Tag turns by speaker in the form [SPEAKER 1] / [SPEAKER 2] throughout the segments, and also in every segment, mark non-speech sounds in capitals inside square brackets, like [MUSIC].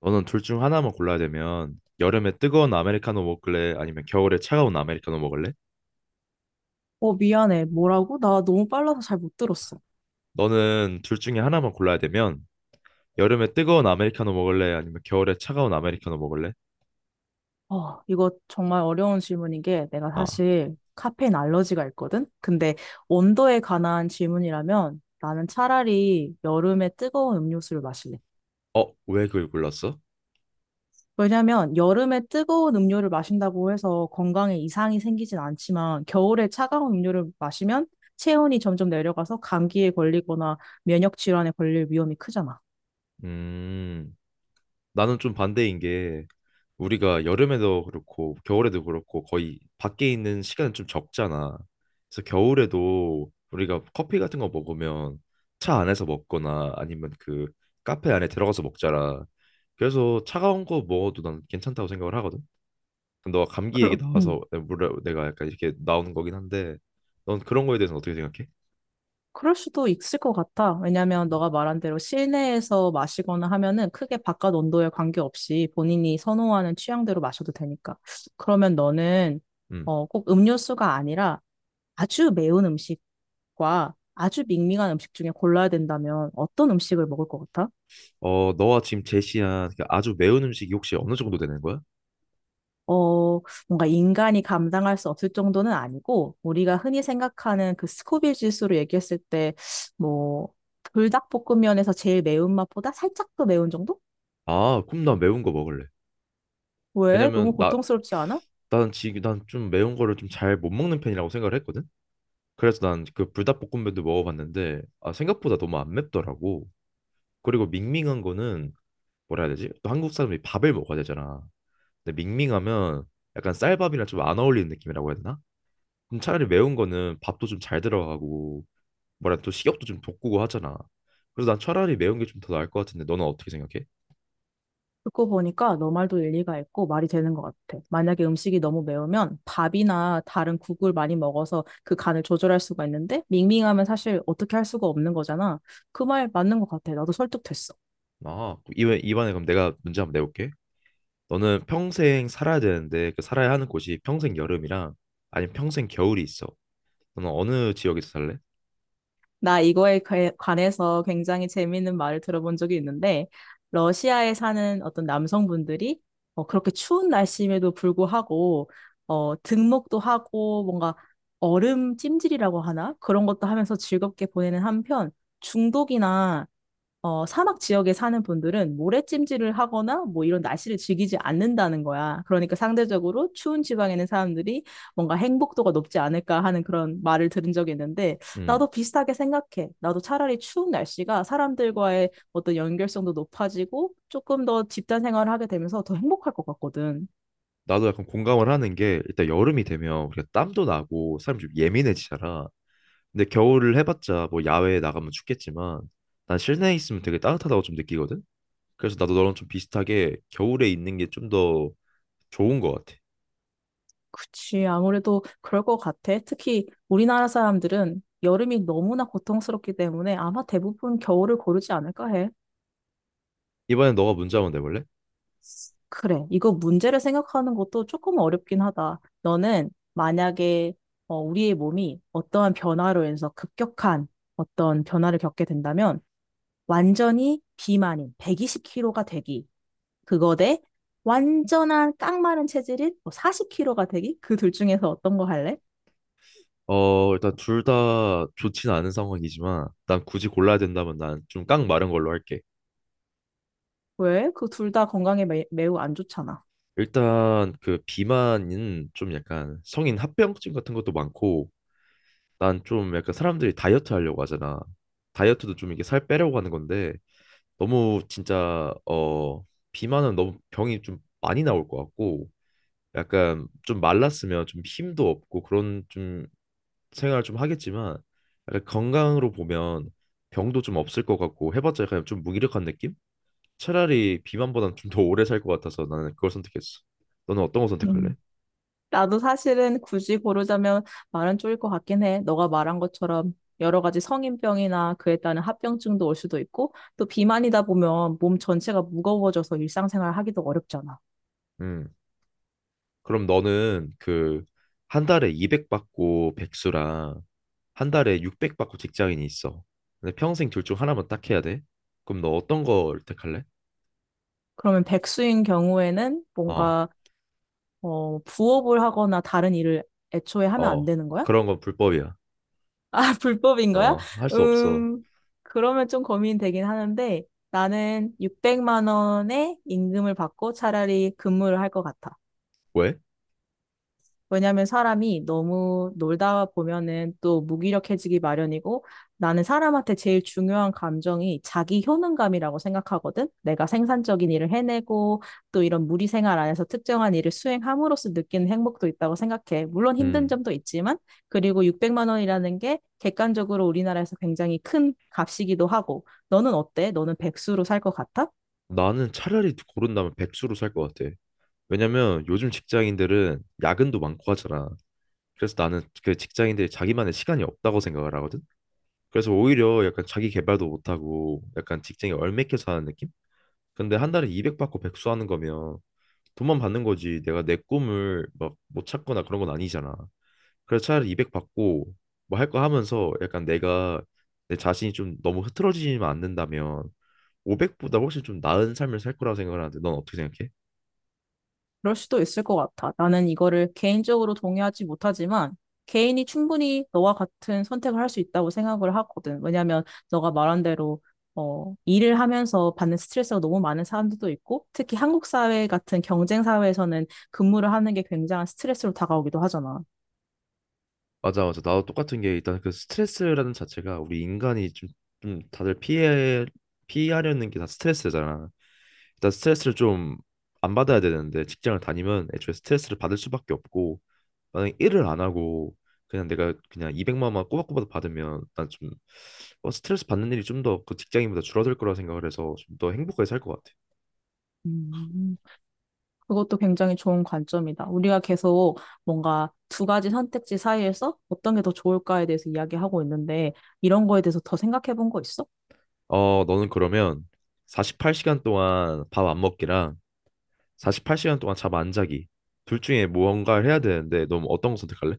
[SPEAKER 1] 너는 둘 중 하나만 골라야 되면 여름에 뜨거운 아메리카노 먹을래? 아니면 겨울에 차가운 아메리카노 먹을래?
[SPEAKER 2] 미안해. 뭐라고? 나 너무 빨라서 잘 못 들었어.
[SPEAKER 1] 너는 둘 중에 하나만 골라야 되면 여름에 뜨거운 아메리카노 먹을래? 아니면 겨울에 차가운 아메리카노 먹을래?
[SPEAKER 2] 이거 정말 어려운 질문인 게 내가
[SPEAKER 1] 아,
[SPEAKER 2] 사실 카페인 알러지가 있거든? 근데 온도에 관한 질문이라면 나는 차라리 여름에 뜨거운 음료수를 마실래.
[SPEAKER 1] 어, 왜 그걸 골랐어?
[SPEAKER 2] 왜냐면 여름에 뜨거운 음료를 마신다고 해서 건강에 이상이 생기진 않지만 겨울에 차가운 음료를 마시면 체온이 점점 내려가서 감기에 걸리거나 면역 질환에 걸릴 위험이 크잖아.
[SPEAKER 1] 음, 나는 좀 반대인 게 우리가 여름에도 그렇고 겨울에도 그렇고 거의 밖에 있는 시간은 좀 적잖아. 그래서 겨울에도 우리가 커피 같은 거 먹으면 차 안에서 먹거나 아니면 그 카페 안에 들어가서 먹잖아. 그래서 차가운 거 먹어도 난 괜찮다고 생각을 하거든. 너가 감기 얘기
[SPEAKER 2] 그러,
[SPEAKER 1] 나와서
[SPEAKER 2] 음.
[SPEAKER 1] 내가 약간 이렇게 나오는 거긴 한데 넌 그런 거에 대해서는 어떻게 생각해?
[SPEAKER 2] 그럴 수도 있을 것 같아. 왜냐면 너가 말한 대로 실내에서 마시거나 하면은 크게 바깥 온도에 관계없이 본인이 선호하는 취향대로 마셔도 되니까. 그러면 너는
[SPEAKER 1] 음.
[SPEAKER 2] 꼭 음료수가 아니라 아주 매운 음식과 아주 밍밍한 음식 중에 골라야 된다면 어떤 음식을 먹을 것 같아?
[SPEAKER 1] 어, 너가 지금 제시한 그 아주 매운 음식이 혹시 어느 정도 되는 거야?
[SPEAKER 2] 어, 뭔가 인간이 감당할 수 없을 정도는 아니고 우리가 흔히 생각하는 그 스코빌 지수로 얘기했을 때 뭐 불닭볶음면에서 제일 매운 맛보다 살짝 더 매운 정도?
[SPEAKER 1] 아, 그럼 나 매운 거 먹을래.
[SPEAKER 2] 왜? 너무
[SPEAKER 1] 왜냐면 나
[SPEAKER 2] 고통스럽지 않아?
[SPEAKER 1] 나는 지금 난좀 매운 거를 좀 잘 못 먹는 편이라고 생각을 했거든. 그래서 난 그 불닭볶음면도 먹어봤는데 아 생각보다 너무 안 맵더라고. 그리고 밍밍한 거는 뭐라 해야 되지? 또 한국 사람이 밥을 먹어야 되잖아. 근데 밍밍하면 약간 쌀밥이랑 좀 안 어울리는 느낌이라고 해야 되나? 그럼 차라리 매운 거는 밥도 좀 잘 들어가고 뭐라 또 식욕도 좀 돋구고 하잖아. 그래서 난 차라리 매운 게 좀 더 나을 것 같은데 너는 어떻게 생각해?
[SPEAKER 2] 듣고 보니까 너 말도 일리가 있고 말이 되는 것 같아. 만약에 음식이 너무 매우면 밥이나 다른 국을 많이 먹어서 그 간을 조절할 수가 있는데 밍밍하면 사실 어떻게 할 수가 없는 거잖아. 그 말 맞는 것 같아. 나도 설득됐어.
[SPEAKER 1] 아 이번에 그럼 내가 문제 한번 내볼게. 너는 평생 살아야 되는데 그 살아야 하는 곳이 평생 여름이랑 아니면 평생 겨울이 있어. 너는 어느 지역에서 살래?
[SPEAKER 2] 나 관해서 굉장히 재미있는 말을 들어본 적이 있는데, 러시아에 사는 어떤 남성분들이 그렇게 추운 날씨임에도 불구하고, 등목도 하고, 뭔가 얼음 찜질이라고 하나? 그런 것도 하면서 즐겁게 보내는 한편, 중독이나 사막 지역에 사는 분들은 모래찜질을 하거나 뭐 이런 날씨를 즐기지 않는다는 거야. 그러니까 상대적으로 추운 지방에 있는 사람들이 뭔가 행복도가 높지 않을까 하는 그런 말을 들은 적이 있는데
[SPEAKER 1] 음,
[SPEAKER 2] 나도 비슷하게 생각해. 나도 차라리 추운 날씨가 사람들과의 어떤 연결성도 높아지고 조금 더 집단 생활을 하게 되면서 더 행복할 것 같거든.
[SPEAKER 1] 나도 약간 공감을 하는 게 일단 여름이 되면 우리가 땀도 나고 사람 좀 예민해지잖아. 근데 겨울을 해봤자 뭐 야외에 나가면 춥겠지만 난 실내에 있으면 되게 따뜻하다고 좀 느끼거든. 그래서 나도 너랑 좀 비슷하게 겨울에 있는 게 좀 더 좋은 것 같아.
[SPEAKER 2] 그치, 아무래도 그럴 것 같아. 특히 우리나라 사람들은 여름이 너무나 고통스럽기 때문에 아마 대부분 겨울을 고르지 않을까 해.
[SPEAKER 1] 이번엔 너가 문제 한번 내볼래?
[SPEAKER 2] 그래. 이거 문제를 생각하는 것도 조금 어렵긴 하다. 너는 만약에 우리의 몸이 어떠한 변화로 인해서 급격한 어떤 변화를 겪게 된다면 완전히 비만인 120kg가 되기. 그거 대 완전한 깡마른 체질인 40kg가 되기. 그 둘 중에서 어떤 거 할래?
[SPEAKER 1] 어, 일단 둘 다 좋진 않은 상황이지만 난 굳이 골라야 된다면 난 좀 깡 마른 걸로 할게.
[SPEAKER 2] 왜? 그 둘 다 건강에 매우 안 좋잖아.
[SPEAKER 1] 일단 그 비만은 좀 약간 성인 합병증 같은 것도 많고 난 좀 약간 사람들이 다이어트 하려고 하잖아. 다이어트도 좀 이게 살 빼려고 하는 건데 너무 진짜 비만은 너무 병이 좀 많이 나올 것 같고 약간 좀 말랐으면 좀 힘도 없고 그런 좀 생활을 좀 하겠지만 약간 건강으로 보면 병도 좀 없을 것 같고 해봤자 약간 좀 무기력한 느낌? 차라리 비만보단 좀 더 오래 살 것 같아서 나는 그걸 선택했어. 너는 어떤 거 선택할래?
[SPEAKER 2] 나도 사실은 굳이 고르자면 말은 쪼일 것 같긴 해. 너가 말한 것처럼 여러 가지 성인병이나 그에 따른 합병증도 올 수도 있고, 또 비만이다 보면 몸 전체가 무거워져서 일상생활 하기도 어렵잖아.
[SPEAKER 1] 음. 그럼 너는 그 한 달에 200만 받고 백수랑 한 달에 600만 받고 직장인이 있어. 근데 평생 둘 중 하나만 딱 해야 돼. 그럼 너 어떤 걸 택할래?
[SPEAKER 2] 그러면 백수인 경우에는
[SPEAKER 1] 어,
[SPEAKER 2] 뭔가, 부업을 하거나 다른 일을 애초에 하면 안
[SPEAKER 1] 어,
[SPEAKER 2] 되는 거야?
[SPEAKER 1] 그런 건 불법이야.
[SPEAKER 2] [LAUGHS] 아, 불법인 거야?
[SPEAKER 1] 어, 할 수 없어.
[SPEAKER 2] 음, 그러면 좀 고민되긴 하는데, 나는 600만 원의 임금을 받고 차라리 근무를 할 것 같아.
[SPEAKER 1] 왜?
[SPEAKER 2] 왜냐하면 사람이 너무 놀다 보면은 또 무기력해지기 마련이고 나는 사람한테 제일 중요한 감정이 자기 효능감이라고 생각하거든. 내가 생산적인 일을 해내고 또 이런 무리 생활 안에서 특정한 일을 수행함으로써 느끼는 행복도 있다고 생각해. 물론 힘든
[SPEAKER 1] 음,
[SPEAKER 2] 점도 있지만 그리고 600만 원이라는 게 객관적으로 우리나라에서 굉장히 큰 값이기도 하고 너는 어때? 너는 백수로 살 것 같아?
[SPEAKER 1] 나는 차라리 고른다면 백수로 살 것 같아. 왜냐면 요즘 직장인들은 야근도 많고 하잖아. 그래서 나는 그 직장인들이 자기만의 시간이 없다고 생각을 하거든. 그래서 오히려 약간 자기 개발도 못하고 약간 직장에 얽매여 사는 느낌? 근데 한 달에 200만 받고 백수하는 거면 돈만 받는 거지. 내가 내 꿈을 막 못 찾거나 그런 건 아니잖아. 그래서 차라리 200만 받고 뭐 할 거 하면서 약간 내가 내 자신이 좀 너무 흐트러지지만 않는다면 500만보다 훨씬 좀 나은 삶을 살 거라고 생각을 하는데 넌 어떻게 생각해?
[SPEAKER 2] 그럴 수도 있을 것 같아. 나는 이거를 개인적으로 동의하지 못하지만 개인이 충분히 너와 같은 선택을 할 수 있다고 생각을 하거든. 왜냐하면 너가 말한 대로 일을 하면서 받는 스트레스가 너무 많은 사람들도 있고 특히 한국 사회 같은 경쟁 사회에서는 근무를 하는 게 굉장한 스트레스로 다가오기도 하잖아.
[SPEAKER 1] 맞아, 맞아. 나도 똑같은 게 일단 그 스트레스라는 자체가 우리 인간이 좀, 좀 다들 피해 피하려는 게 다 스트레스잖아. 일단 스트레스를 좀 안 받아야 되는데 직장을 다니면 애초에 스트레스를 받을 수밖에 없고 만약에 일을 안 하고 그냥 내가 그냥 200만 원 꼬박꼬박 받으면 난 좀 스트레스 받는 일이 좀 더 그 직장인보다 줄어들 거라 생각을 해서 좀 더 행복하게 살 것 같아.
[SPEAKER 2] 음, 그것도 굉장히 좋은 관점이다. 우리가 계속 뭔가 두 가지 선택지 사이에서 어떤 게 더 좋을까에 대해서 이야기하고 있는데 이런 거에 대해서 더 생각해 본 거 있어?
[SPEAKER 1] 어, 너는 그러면 48시간 동안 밥 안 먹기랑 48시간 동안 잠 안 자기 둘 중에 뭔가를 해야 되는데 너는 어떤 거 선택할래?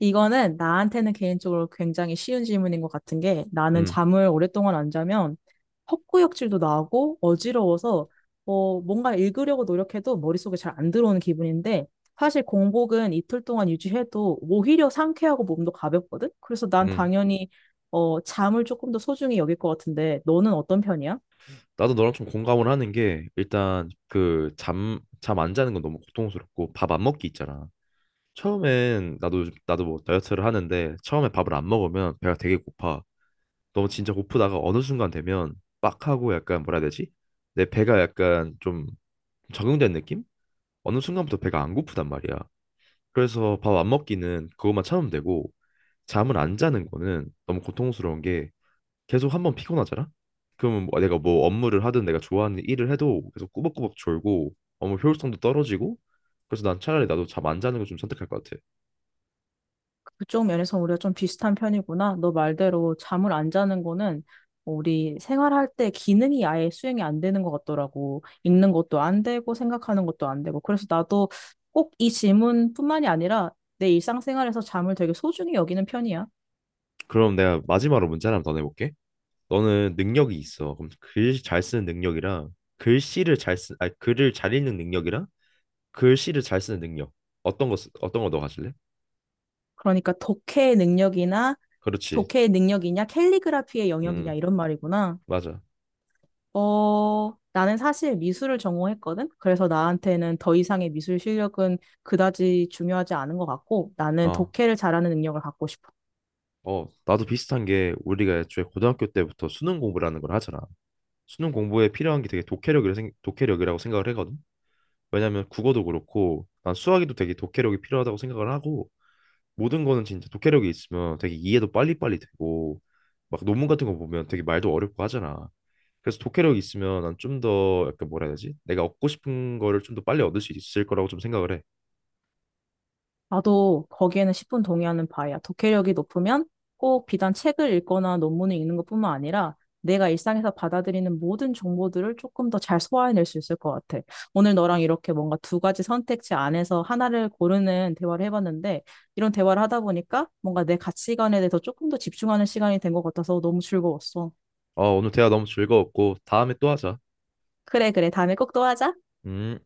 [SPEAKER 2] 이거는 나한테는 개인적으로 굉장히 쉬운 질문인 것 같은 게 나는
[SPEAKER 1] 음,
[SPEAKER 2] 잠을 오랫동안 안 자면 헛구역질도 나고 어지러워서 뭔가 읽으려고 노력해도 머릿속에 잘 안 들어오는 기분인데 사실 공복은 이틀 동안 유지해도 오히려 상쾌하고 몸도 가볍거든? 그래서 난
[SPEAKER 1] 음.
[SPEAKER 2] 당연히 잠을 조금 더 소중히 여길 것 같은데 너는 어떤 편이야?
[SPEAKER 1] 나도 너랑 좀 공감을 하는 게 일단 그 잠 안 자는 건 너무 고통스럽고 밥 안 먹기 있잖아. 나도 뭐 다이어트를 하는데 처음에 밥을 안 먹으면 배가 되게 고파. 너무 진짜 고프다가 어느 순간 되면 빡 하고 약간 뭐라 해야 되지? 내 배가 약간 좀 적응된 느낌? 어느 순간부터 배가 안 고프단 말이야. 그래서 밥 안 먹기는 그것만 참으면 되고 잠을 안 자는 거는 너무 고통스러운 게 계속 한 번 피곤하잖아? 그러면 뭐 내가 뭐 업무를 하든 내가 좋아하는 일을 해도 계속 꾸벅꾸벅 졸고 업무 효율성도 떨어지고 그래서 난 차라리 나도 잠 안 자는 걸 좀 선택할 것 같아.
[SPEAKER 2] 그쪽 면에서 우리가 좀 비슷한 편이구나. 너 말대로 잠을 안 자는 거는 우리 생활할 때 기능이 아예 수행이 안 되는 것 같더라고. 읽는 것도 안 되고 생각하는 것도 안 되고. 그래서 나도 꼭 이 질문뿐만이 아니라 내 일상생활에서 잠을 되게 소중히 여기는 편이야.
[SPEAKER 1] 그럼 내가 마지막으로 문제 하나 더 내볼게. 너는 능력이 있어. 그럼 글 잘 쓰는 능력이랑 글씨를 잘 쓰, 아니 글을 잘 읽는 능력이랑 글씨를 잘 쓰는 능력. 어떤 거 너 가질래?
[SPEAKER 2] 그러니까 독해의 능력이나
[SPEAKER 1] 그렇지.
[SPEAKER 2] 독해의 능력이냐 캘리그라피의 영역이냐
[SPEAKER 1] 음,
[SPEAKER 2] 이런 말이구나.
[SPEAKER 1] 맞아.
[SPEAKER 2] 나는 사실 미술을 전공했거든? 그래서 나한테는 더 이상의 미술 실력은 그다지 중요하지 않은 것 같고, 나는
[SPEAKER 1] 어.
[SPEAKER 2] 독해를 잘하는 능력을 갖고 싶어.
[SPEAKER 1] 어, 나도 비슷한 게 우리가 애초에 고등학교 때부터 수능 공부라는 걸 하잖아. 수능 공부에 필요한 게 되게 독해력이라고 생각을 하거든. 왜냐면 국어도 그렇고 난 수학에도 되게 독해력이 필요하다고 생각을 하고 모든 거는 진짜 독해력이 있으면 되게 이해도 빨리빨리 되고 막 논문 같은 거 보면 되게 말도 어렵고 하잖아. 그래서 독해력이 있으면 난 좀 더 약간 뭐라 해야 되지? 내가 얻고 싶은 거를 좀 더 빨리 얻을 수 있을 거라고 좀 생각을 해.
[SPEAKER 2] 나도 거기에는 10분 동의하는 바야. 독해력이 높으면 꼭 비단 책을 읽거나 논문을 읽는 것뿐만 아니라 내가 일상에서 받아들이는 모든 정보들을 조금 더 잘 소화해낼 수 있을 것 같아. 오늘 너랑 이렇게 뭔가 두 가지 선택지 안에서 하나를 고르는 대화를 해봤는데 이런 대화를 하다 보니까 뭔가 내 가치관에 대해서 조금 더 집중하는 시간이 된 것 같아서 너무 즐거웠어.
[SPEAKER 1] 어, 오늘 대화 너무 즐거웠고 다음에 또 하자.
[SPEAKER 2] 그래, 그래. 다음에 꼭 또 하자.
[SPEAKER 1] 음.